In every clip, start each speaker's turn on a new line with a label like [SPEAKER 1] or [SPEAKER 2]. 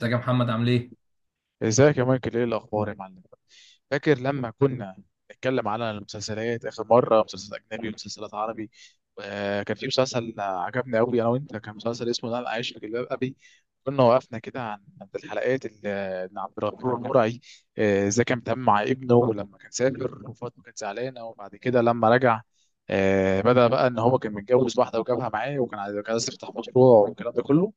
[SPEAKER 1] ازيك يا محمد عامل ايه؟
[SPEAKER 2] ازيك يا مايكل، ايه الاخبار يا معلم؟ فاكر لما كنا نتكلم على المسلسلات اخر مره، مسلسل اجنبي ومسلسلات عربي؟ كان في مسلسل عجبني قوي انا وانت، كان مسلسل اسمه انا عايش في جلباب ابي. كنا وقفنا كده عن عند الحلقات اللي إن عبد الغفور المرعي، ازاي كان بيتعامل مع ابنه، ولما كان سافر وفاطمه كانت زعلانه، وبعد كده لما رجع بدأ بقى ان هو كان متجوز واحده وجابها معاه، وكان كان عايز يفتح مشروع والكلام ده كله.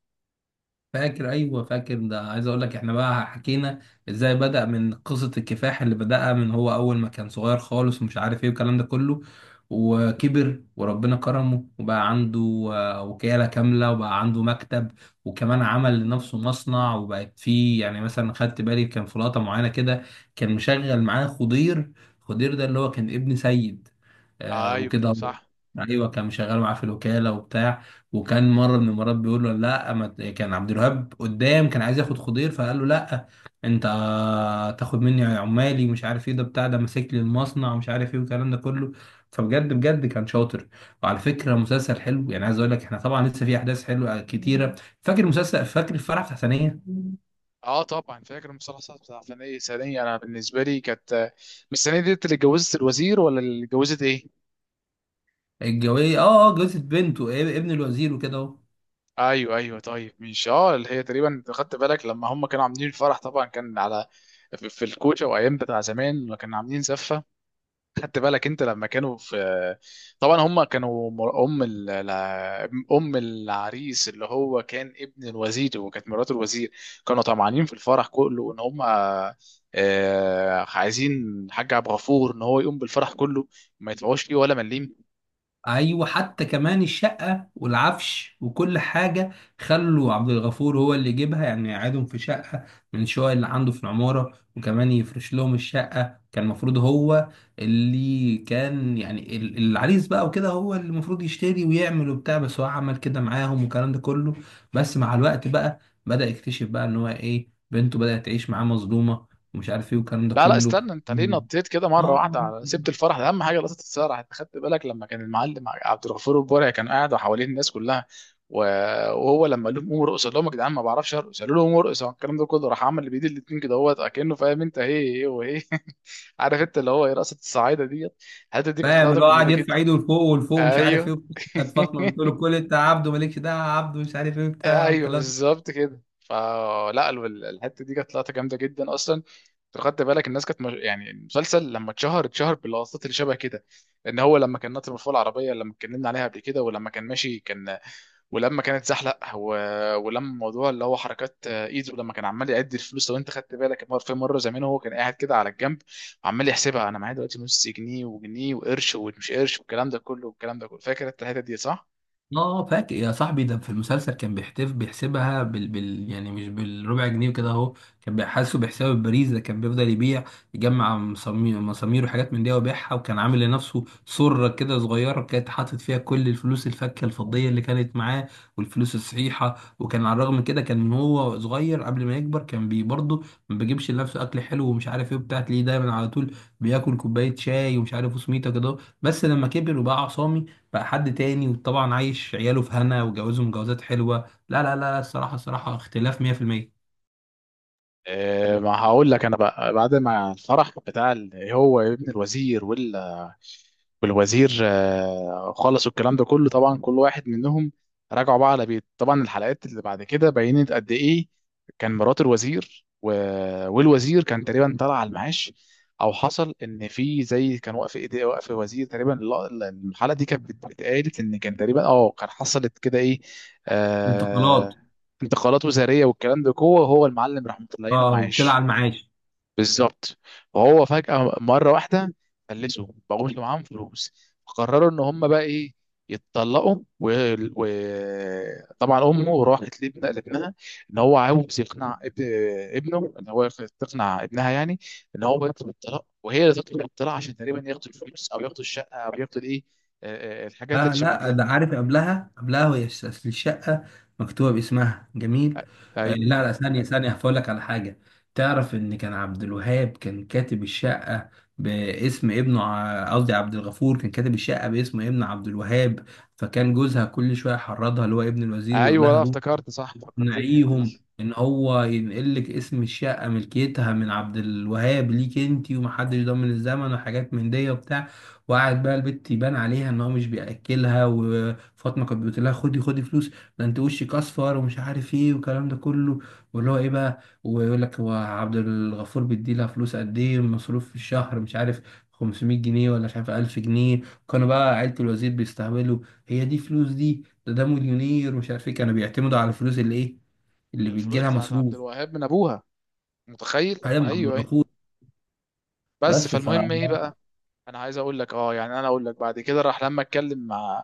[SPEAKER 1] فاكر، ايوه، فاكر ده. عايز اقول لك احنا بقى حكينا ازاي بدأ من قصة الكفاح اللي بدأها، من هو اول ما كان صغير خالص ومش عارف ايه والكلام ده كله. وكبر وربنا كرمه وبقى عنده وكالة كاملة وبقى عنده مكتب. وكمان عمل لنفسه مصنع وبقت فيه. يعني مثلا خدت بالي كان في لقطة معينة كده، كان مشغل معاه خضير. خضير ده اللي هو كان ابن سيد، آه
[SPEAKER 2] ايوه
[SPEAKER 1] وكده.
[SPEAKER 2] صح.
[SPEAKER 1] ايوه، كان مشغل معاه في الوكالة وبتاع. وكان مره من المرات بيقول له لا، ما ت- كان عبد الوهاب قدام، كان عايز ياخد خضير، فقال له: لا انت تاخد مني عمالي ومش عارف ايه، ده بتاع، ده ماسك لي المصنع ومش عارف ايه والكلام ده كله. فبجد بجد كان شاطر. وعلى فكره مسلسل حلو، يعني عايز اقول لك احنا طبعا لسه في احداث حلوه كتيره. فاكر مسلسل، فاكر الفرح بتاع ثانيه.
[SPEAKER 2] اه طبعا فاكر. المسلسلات بتاع ثانية انا بالنسبة لي كانت مش الثانية ديت اللي اتجوزت الوزير، ولا اللي اتجوزت ايه؟
[SPEAKER 1] الجويه، جوزة بنته ابن الوزير وكده اهو.
[SPEAKER 2] ايوه ايوه، طيب مش اه اللي هي تقريبا أنت خدت بالك لما هم كانوا عاملين الفرح؟ طبعا كان على في الكوشه، وايام بتاع زمان لما كانوا عاملين زفه. خدت بالك انت لما كانوا في، طبعا هم كانوا مر- ام ال... لا- ام العريس اللي هو كان ابن الوزير، وكانت مرات الوزير كانوا طمعانين في الفرح كله، ان هم عايزين الحاج عبد الغفور ان هو يقوم بالفرح كله، ما يدفعوش فيه ولا مليم.
[SPEAKER 1] ايوه حتى كمان الشقه والعفش وكل حاجه، خلوا عبد الغفور هو اللي يجيبها، يعني يقعدهم في شقه من الشقق اللي عنده في العماره، وكمان يفرش لهم الشقه. كان المفروض هو اللي كان يعني العريس بقى وكده هو اللي المفروض يشتري ويعمل وبتاع، بس هو عمل كده معاهم والكلام ده كله. بس مع الوقت بقى بدأ يكتشف بقى ان هو ايه، بنته بدأت تعيش معاه مظلومه، ومش عارف ايه والكلام ده
[SPEAKER 2] لا لا، استنى،
[SPEAKER 1] كله.
[SPEAKER 2] انت ليه نطيت كده مره واحده
[SPEAKER 1] اه،
[SPEAKER 2] على سبت الفرح؟ ده اهم حاجه لقطه الفرح. انت خدت بالك لما كان المعلم عبد الغفور البرعي كان قاعد وحواليه الناس كلها و- وهو لما قال لهم قوموا ارقصوا، قال لهم يا جدعان ما بعرفش ارقص، قالوا له قوموا ارقصوا، الكلام ده كله راح عمل بايد الاتنين كده هو كانه فاهم، انت ايه ايه وايه عارف انت اللي هو ايه، رقصه الصعايده ديت. الحته دي كانت
[SPEAKER 1] فاهم
[SPEAKER 2] لقطه
[SPEAKER 1] اللي هو قاعد
[SPEAKER 2] كوميدي جدا.
[SPEAKER 1] يرفع ايده لفوق ولفوق مش عارف
[SPEAKER 2] ايوه
[SPEAKER 1] ايه وبتاع. كانت فاطمه بتقول له: كل انت يا عبده، مالكش دعوه يا عبده، مش عارف ايه بتاع
[SPEAKER 2] ايوه
[SPEAKER 1] والكلام.
[SPEAKER 2] بالظبط كده. الحته دي كانت لقطه جامده جدا اصلا. لو خدت بالك الناس كانت مش... يعني المسلسل لما اتشهر اتشهر باللقطات اللي شبه كده. ان هو لما كان ناطر من فوق العربيه اللي لما اتكلمنا عليها قبل كده، ولما كان ماشي كان، ولما ولما موضوع اللي هو حركات ايده لما كان عمال يعد الفلوس. لو انت خدت بالك في مره زمان هو كان قاعد كده على الجنب، وعمال يحسبها انا معايا دلوقتي نص جنيه وجنيه وقرش ومش قرش، والكلام ده كله، فاكر انت الحته دي صح؟
[SPEAKER 1] اه فاكر يا صاحبي، ده في المسلسل كان بيحتف، بيحسبها بال، يعني مش بالربع جنيه وكده اهو. كان بيحاسبه بحساب البريز. ده كان بيفضل يبيع، يجمع مسامير مسامير وحاجات من دي ويبيعها. وكان عامل لنفسه سرة كده صغيرة كانت حاطط فيها كل الفلوس الفكة الفضية اللي كانت معاه والفلوس الصحيحة. وكان على الرغم من كده كان من هو صغير قبل ما يكبر كان بي برضه ما بيجيبش لنفسه اكل حلو ومش عارف ايه وبتاع، تلاقيه دايما على طول بياكل كوباية شاي ومش عارف وسميته كده. بس لما كبر وبقى عصامي، بقى حد تاني. وطبعا عايش عياله في هنا وجوازه مجوزات حلوة. لا لا لا لا، الصراحة الصراحة اختلاف 100%.
[SPEAKER 2] ما هقول لك انا بقى. بعد ما الفرح بتاع هو ابن الوزير والوزير خلصوا الكلام ده كله، طبعا كل واحد منهم راجعوا بقى على بيت. طبعا الحلقات اللي بعد كده بينت قد ايه كان مرات والوزير كان تقريبا طلع على المعاش، او حصل ان في زي كان واقف ايديه واقف وزير تقريبا الحلقه دي بتقالت ان كان تقريبا اه كان حصلت كده ايه،
[SPEAKER 1] انتقالات.
[SPEAKER 2] آه، انتقالات وزاريه والكلام ده جوه، هو المعلم راح مطلعينه
[SPEAKER 1] اه وطلع
[SPEAKER 2] معاش.
[SPEAKER 1] على المعاش.
[SPEAKER 2] بالظبط. وهو فجاه مره واحده فلسوا بقوش معاهم فلوس، فقرروا ان هم بقى ايه، يتطلقوا. وطبعا طبعاً امه راحت لابنها ان هو عاوز يقنع ابن ابنه ان هو يق- تقنع ابنها يعني، ان هو يطلب الطلاق، وهي اللي تطلب الطلاق عشان تقريبا ياخدوا الفلوس او ياخدوا الشقه او ياخدوا الايه، الحاجات
[SPEAKER 1] لا
[SPEAKER 2] اللي شبه
[SPEAKER 1] لا،
[SPEAKER 2] كده.
[SPEAKER 1] ده عارف قبلها قبلها، وهي أصل الشقة مكتوبة باسمها جميل. آه
[SPEAKER 2] ايوه
[SPEAKER 1] لا لا، ثانية ثانية، هقول لك على حاجة. تعرف ان كان عبد الوهاب كان كاتب الشقة باسم ابنه، قصدي عبد الغفور كان كاتب الشقة باسم ابن عبد الوهاب. فكان جوزها كل شوية يحرضها، اللي هو ابن الوزير، ويقول
[SPEAKER 2] ايوه،
[SPEAKER 1] لها:
[SPEAKER 2] لا
[SPEAKER 1] روح
[SPEAKER 2] افتكرت صح، فكرتني الحته
[SPEAKER 1] نعيهم
[SPEAKER 2] دي.
[SPEAKER 1] ان هو ينقل لك اسم الشقه، ملكيتها، من عبد الوهاب ليك انت، ومحدش ضامن الزمن وحاجات من دي وبتاع. وقعد بقى البت يبان عليها ان هو مش بياكلها. وفاطمه كانت بتقول لها: خدي خدي فلوس، ده انت وشك اصفر ومش عارف ايه والكلام ده كله. واللي هو ايه بقى، ويقول لك هو عبد الغفور بيديلها فلوس قد ايه مصروف في الشهر، مش عارف 500 جنيه ولا مش عارف 1000 جنيه. كانوا بقى عيلة الوزير بيستهبلوا: هي دي فلوس؟ دي ده مليونير ومش عارف ايه. كانوا بيعتمدوا على الفلوس اللي ايه، اللي بيجي
[SPEAKER 2] الفلوس
[SPEAKER 1] لها
[SPEAKER 2] بتاعت عبد
[SPEAKER 1] مصروف.
[SPEAKER 2] الوهاب من ابوها، متخيل؟
[SPEAKER 1] حاجه من عبد
[SPEAKER 2] ايوه ايوه.
[SPEAKER 1] الغفور.
[SPEAKER 2] بس
[SPEAKER 1] بس ف
[SPEAKER 2] فالمهم ايه بقى، انا عايز اقول لك اه يعني انا اقول لك. بعد كده راح لما اتكلم مع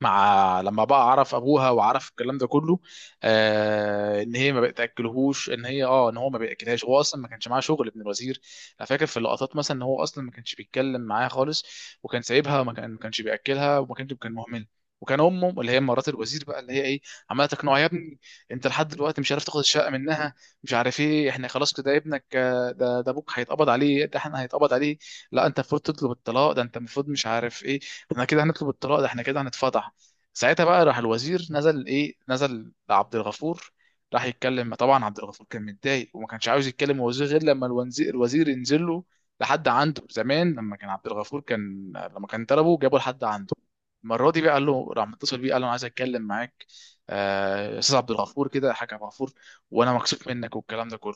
[SPEAKER 2] مع لما بقى عرف ابوها وعرف الكلام ده كله آه ان هي ما بتاكلهوش، ان هي اه ان هو ما بياكلهاش، هو اصلا ما كانش معاه شغل ابن الوزير. انا فاكر في اللقطات مثلا ان هو اصلا ما كانش بيتكلم معاها خالص، وكان سايبها، وما كان ما كانش بياكلها، وما كانش كان مهمل. وكان امه اللي هي مرات الوزير بقى اللي هي ايه، عماله تقنعه يا ابني، انت لحد دلوقتي مش عارف تاخد الشقه منها، مش عارف ايه، احنا خلاص كده ابنك ده ابوك هيتقبض عليه، ده احنا هيتقبض عليه، لا انت المفروض تطلب الطلاق، ده انت المفروض مش عارف ايه، احنا كده هنطلب الطلاق، ده احنا كده هنتفضح. ساعتها بقى راح الوزير نزل ايه، نزل لعبد الغفور، راح يتكلم. طبعا عبد الغفور كان متضايق وما كانش عاوز يتكلم مع الوزير غير لما الوزير ينزل له لحد عنده. زمان لما كان عبد الغفور كان لما كان طلبه جابه لحد عنده، المره دي بقى قال له، راح متصل بيه قال له انا عايز اتكلم معاك يا استاذ عبد الغفور كده يا حاج عبد الغفور، وانا مكسوف منك والكلام ده كله،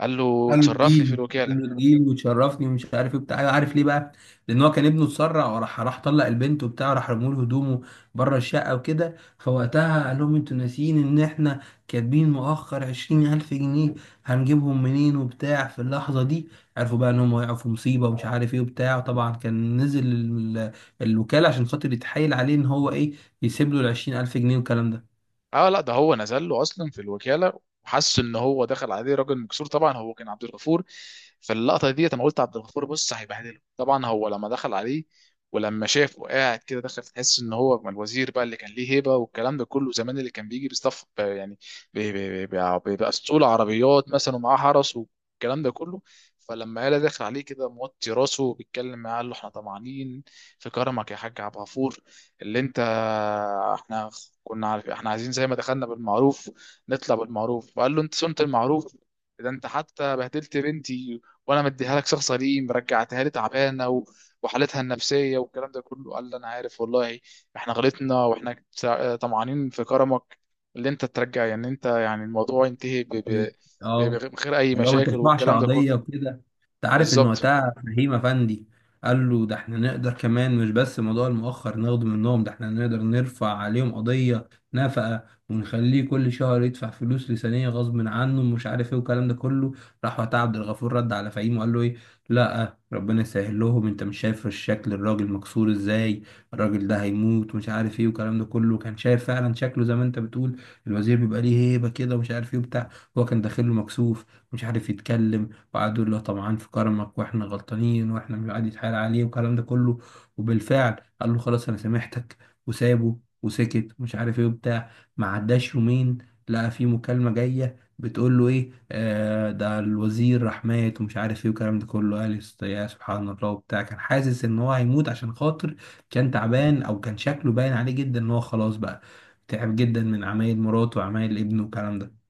[SPEAKER 2] قال له
[SPEAKER 1] قال له
[SPEAKER 2] تشرفني في
[SPEAKER 1] تجيلي
[SPEAKER 2] الوكاله.
[SPEAKER 1] قال له تجيلي وتشرفني ومش عارف ايه بتاع. أيوة، عارف ليه بقى؟ لان هو كان ابنه اتسرع وراح، راح طلق البنت وبتاع، راح رموا له هدومه بره الشقه وكده. فوقتها قال لهم: انتوا ناسيين ان احنا كاتبين مؤخر 20000 جنيه؟ هنجيبهم منين وبتاع في اللحظه دي. عرفوا بقى ان هم وقعوا في مصيبه ومش عارف ايه وبتاع. وطبعا كان نزل الوكاله عشان خاطر يتحايل عليه ان هو ايه يسيب له ال 20000 جنيه والكلام ده.
[SPEAKER 2] اه لا، ده هو نزل له اصلا في الوكاله، وحس ان هو دخل عليه راجل مكسور. طبعا هو كان عبد الغفور، فاللقطه دي انا قلت عبد الغفور بص هيبهدله. طبعا هو لما دخل عليه ولما شافه قاعد كده دخل، تحس ان هو من الوزير بقى اللي كان ليه هيبه والكلام ده كله زمان، اللي كان بيجي بيصطف يعني بيبقى اسطول عربيات مثلا ومعاه فرس والكلام ده كله. فلما قال دخل عليه كده موطي راسه وبيتكلم معاه، قال له احنا طمعانين في كرمك يا حاج عبد الغفور، اللي انت، احنا كنا عارف احنا عايزين زي ما دخلنا بالمعروف نطلع بالمعروف. فقال له انت صنت المعروف؟ ده انت حتى بهدلت بنتي، وانا مديها لك شخص غريب رجعتها لي تعبانه، وحالتها النفسيه والكلام ده كله. قال لي انا عارف والله احنا غلطنا، طمعانين في كرمك اللي انت ترجع، يعني انت يعني الموضوع ينتهي
[SPEAKER 1] اه،
[SPEAKER 2] بغير اي
[SPEAKER 1] اللي هو ما
[SPEAKER 2] مشاكل
[SPEAKER 1] ترفعش
[SPEAKER 2] والكلام ده كله.
[SPEAKER 1] قضية وكده. انت عارف ان
[SPEAKER 2] بالظبط.
[SPEAKER 1] وقتها فهيم افندي قال له: ده احنا نقدر كمان، مش بس موضوع المؤخر ناخده منهم، ده احنا نقدر نرفع عليهم قضية نفقة ونخليه كل شهر يدفع فلوس لسانية غصب عنه ومش عارف ايه والكلام ده كله. راح وقتها عبد الغفور رد على فهيم وقال له ايه: لا، ربنا يسهل لهم، انت مش شايف الشكل، الراجل مكسور ازاي، الراجل ده هيموت ومش عارف ايه والكلام ده كله. كان شايف فعلا شكله زي ما انت بتقول، الوزير بيبقى ليه هيبة كده ومش عارف ايه وبتاع. هو كان داخله مكسوف، مش عارف يتكلم. وقعدوا يقولوا له طمعان في كرمك واحنا غلطانين واحنا مش، قاعد يتحايل عليه والكلام ده كله. وبالفعل قال له: خلاص انا سامحتك. وسابه وسكت ومش عارف ايه وبتاع. ما عداش يومين، لقى في مكالمة جاية بتقول له ايه، آه ده الوزير راح مات ومش عارف ايه والكلام ده كله. قال: يا سبحان الله وبتاع. كان حاسس ان هو هيموت، عشان خاطر كان تعبان، او كان شكله باين عليه جدا ان هو خلاص بقى تعب جدا من عمايل مراته وعمايل ابنه والكلام ده.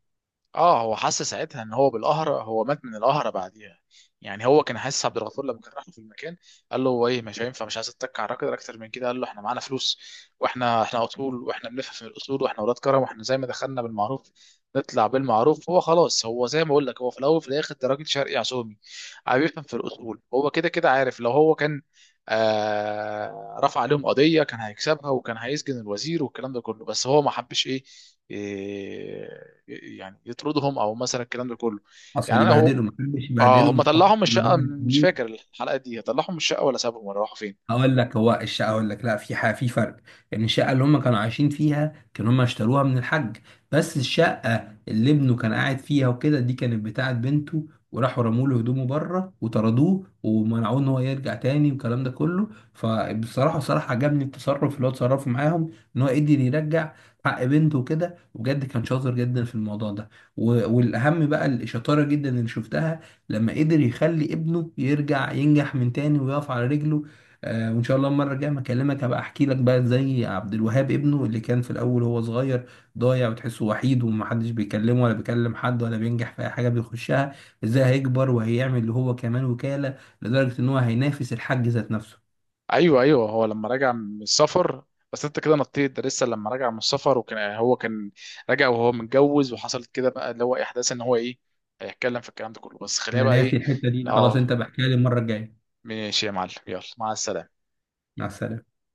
[SPEAKER 2] اه هو حس ساعتها ان هو بالقهرة، هو مات من القهرة بعديها يعني. هو كان حاسس عبد الغفور لما كان راح له في المكان، قال له هو ايه مش هينفع، مش عايز اتك على الراجل اكتر من كده. قال له احنا معانا فلوس، واحنا اصول، واحنا بنفهم في الاصول، واحنا ولاد كرم، واحنا زي ما دخلنا بالمعروف نطلع بالمعروف. هو خلاص، هو زي ما اقول لك هو في الاول وفي الاخر ده راجل شرقي عزومي، عم بيفهم في الاصول. هو كده كده عارف لو هو كان رفع عليهم قضية كان هيكسبها وكان هيسجن الوزير والكلام ده كله، بس هو ما حبش ايه، إيه، يعني يطردهم او مثلا الكلام ده كله.
[SPEAKER 1] حصل
[SPEAKER 2] يعني انا هو
[SPEAKER 1] يبهدله؟ ما حدش
[SPEAKER 2] اه
[SPEAKER 1] يبهدله،
[SPEAKER 2] هم
[SPEAKER 1] محافظ،
[SPEAKER 2] طلعهم من
[SPEAKER 1] ان
[SPEAKER 2] الشقة؟
[SPEAKER 1] الراجل
[SPEAKER 2] مش
[SPEAKER 1] كبير.
[SPEAKER 2] فاكر الحلقة دي، طلعهم من الشقة ولا سابهم ولا راحوا فين؟
[SPEAKER 1] هقول لك هو الشقه، هقول لك، لا في حاجه، في فرق. يعني الشقه اللي هم كانوا عايشين فيها كانوا هم اشتروها من الحاج. بس الشقه اللي ابنه كان قاعد فيها وكده، دي كانت بتاعه بنته. وراحوا رموا له هدومه بره وطردوه ومنعوه ان هو يرجع تاني والكلام ده كله. فبصراحه بصراحه عجبني التصرف اللي هو اتصرفه معاهم، ان هو قدر يرجع حق بنته كده. وبجد كان شاطر جدا في الموضوع ده. والاهم بقى الشطاره جدا اللي شفتها لما قدر يخلي ابنه يرجع ينجح من تاني ويقف على رجله. وان شاء الله المره الجايه ما اكلمك هبقى احكي لك بقى زي عبد الوهاب ابنه اللي كان في الاول هو صغير ضايع وتحسه وحيد ومحدش بيكلمه ولا بيكلم حد ولا بينجح في اي حاجه بيخشها، ازاي هيكبر وهيعمل اللي هو كمان وكاله لدرجه ان هو هينافس الحاج ذات نفسه.
[SPEAKER 2] ايوه ايوه، هو لما رجع من السفر. بس انت كده نطيت، ده لسه لما رجع من السفر وكان هو كان راجع وهو متجوز، وحصلت كده بقى اللي هو احداث ان هو ايه، هيتكلم في الكلام ده كله. بس خلينا
[SPEAKER 1] انا
[SPEAKER 2] بقى
[SPEAKER 1] ناسي
[SPEAKER 2] ايه،
[SPEAKER 1] الحته دي خلاص،
[SPEAKER 2] اه،
[SPEAKER 1] انت بحكيها لي المره الجايه.
[SPEAKER 2] ماشي يا معلم، يلا مع السلامة.
[SPEAKER 1] مع السلامه.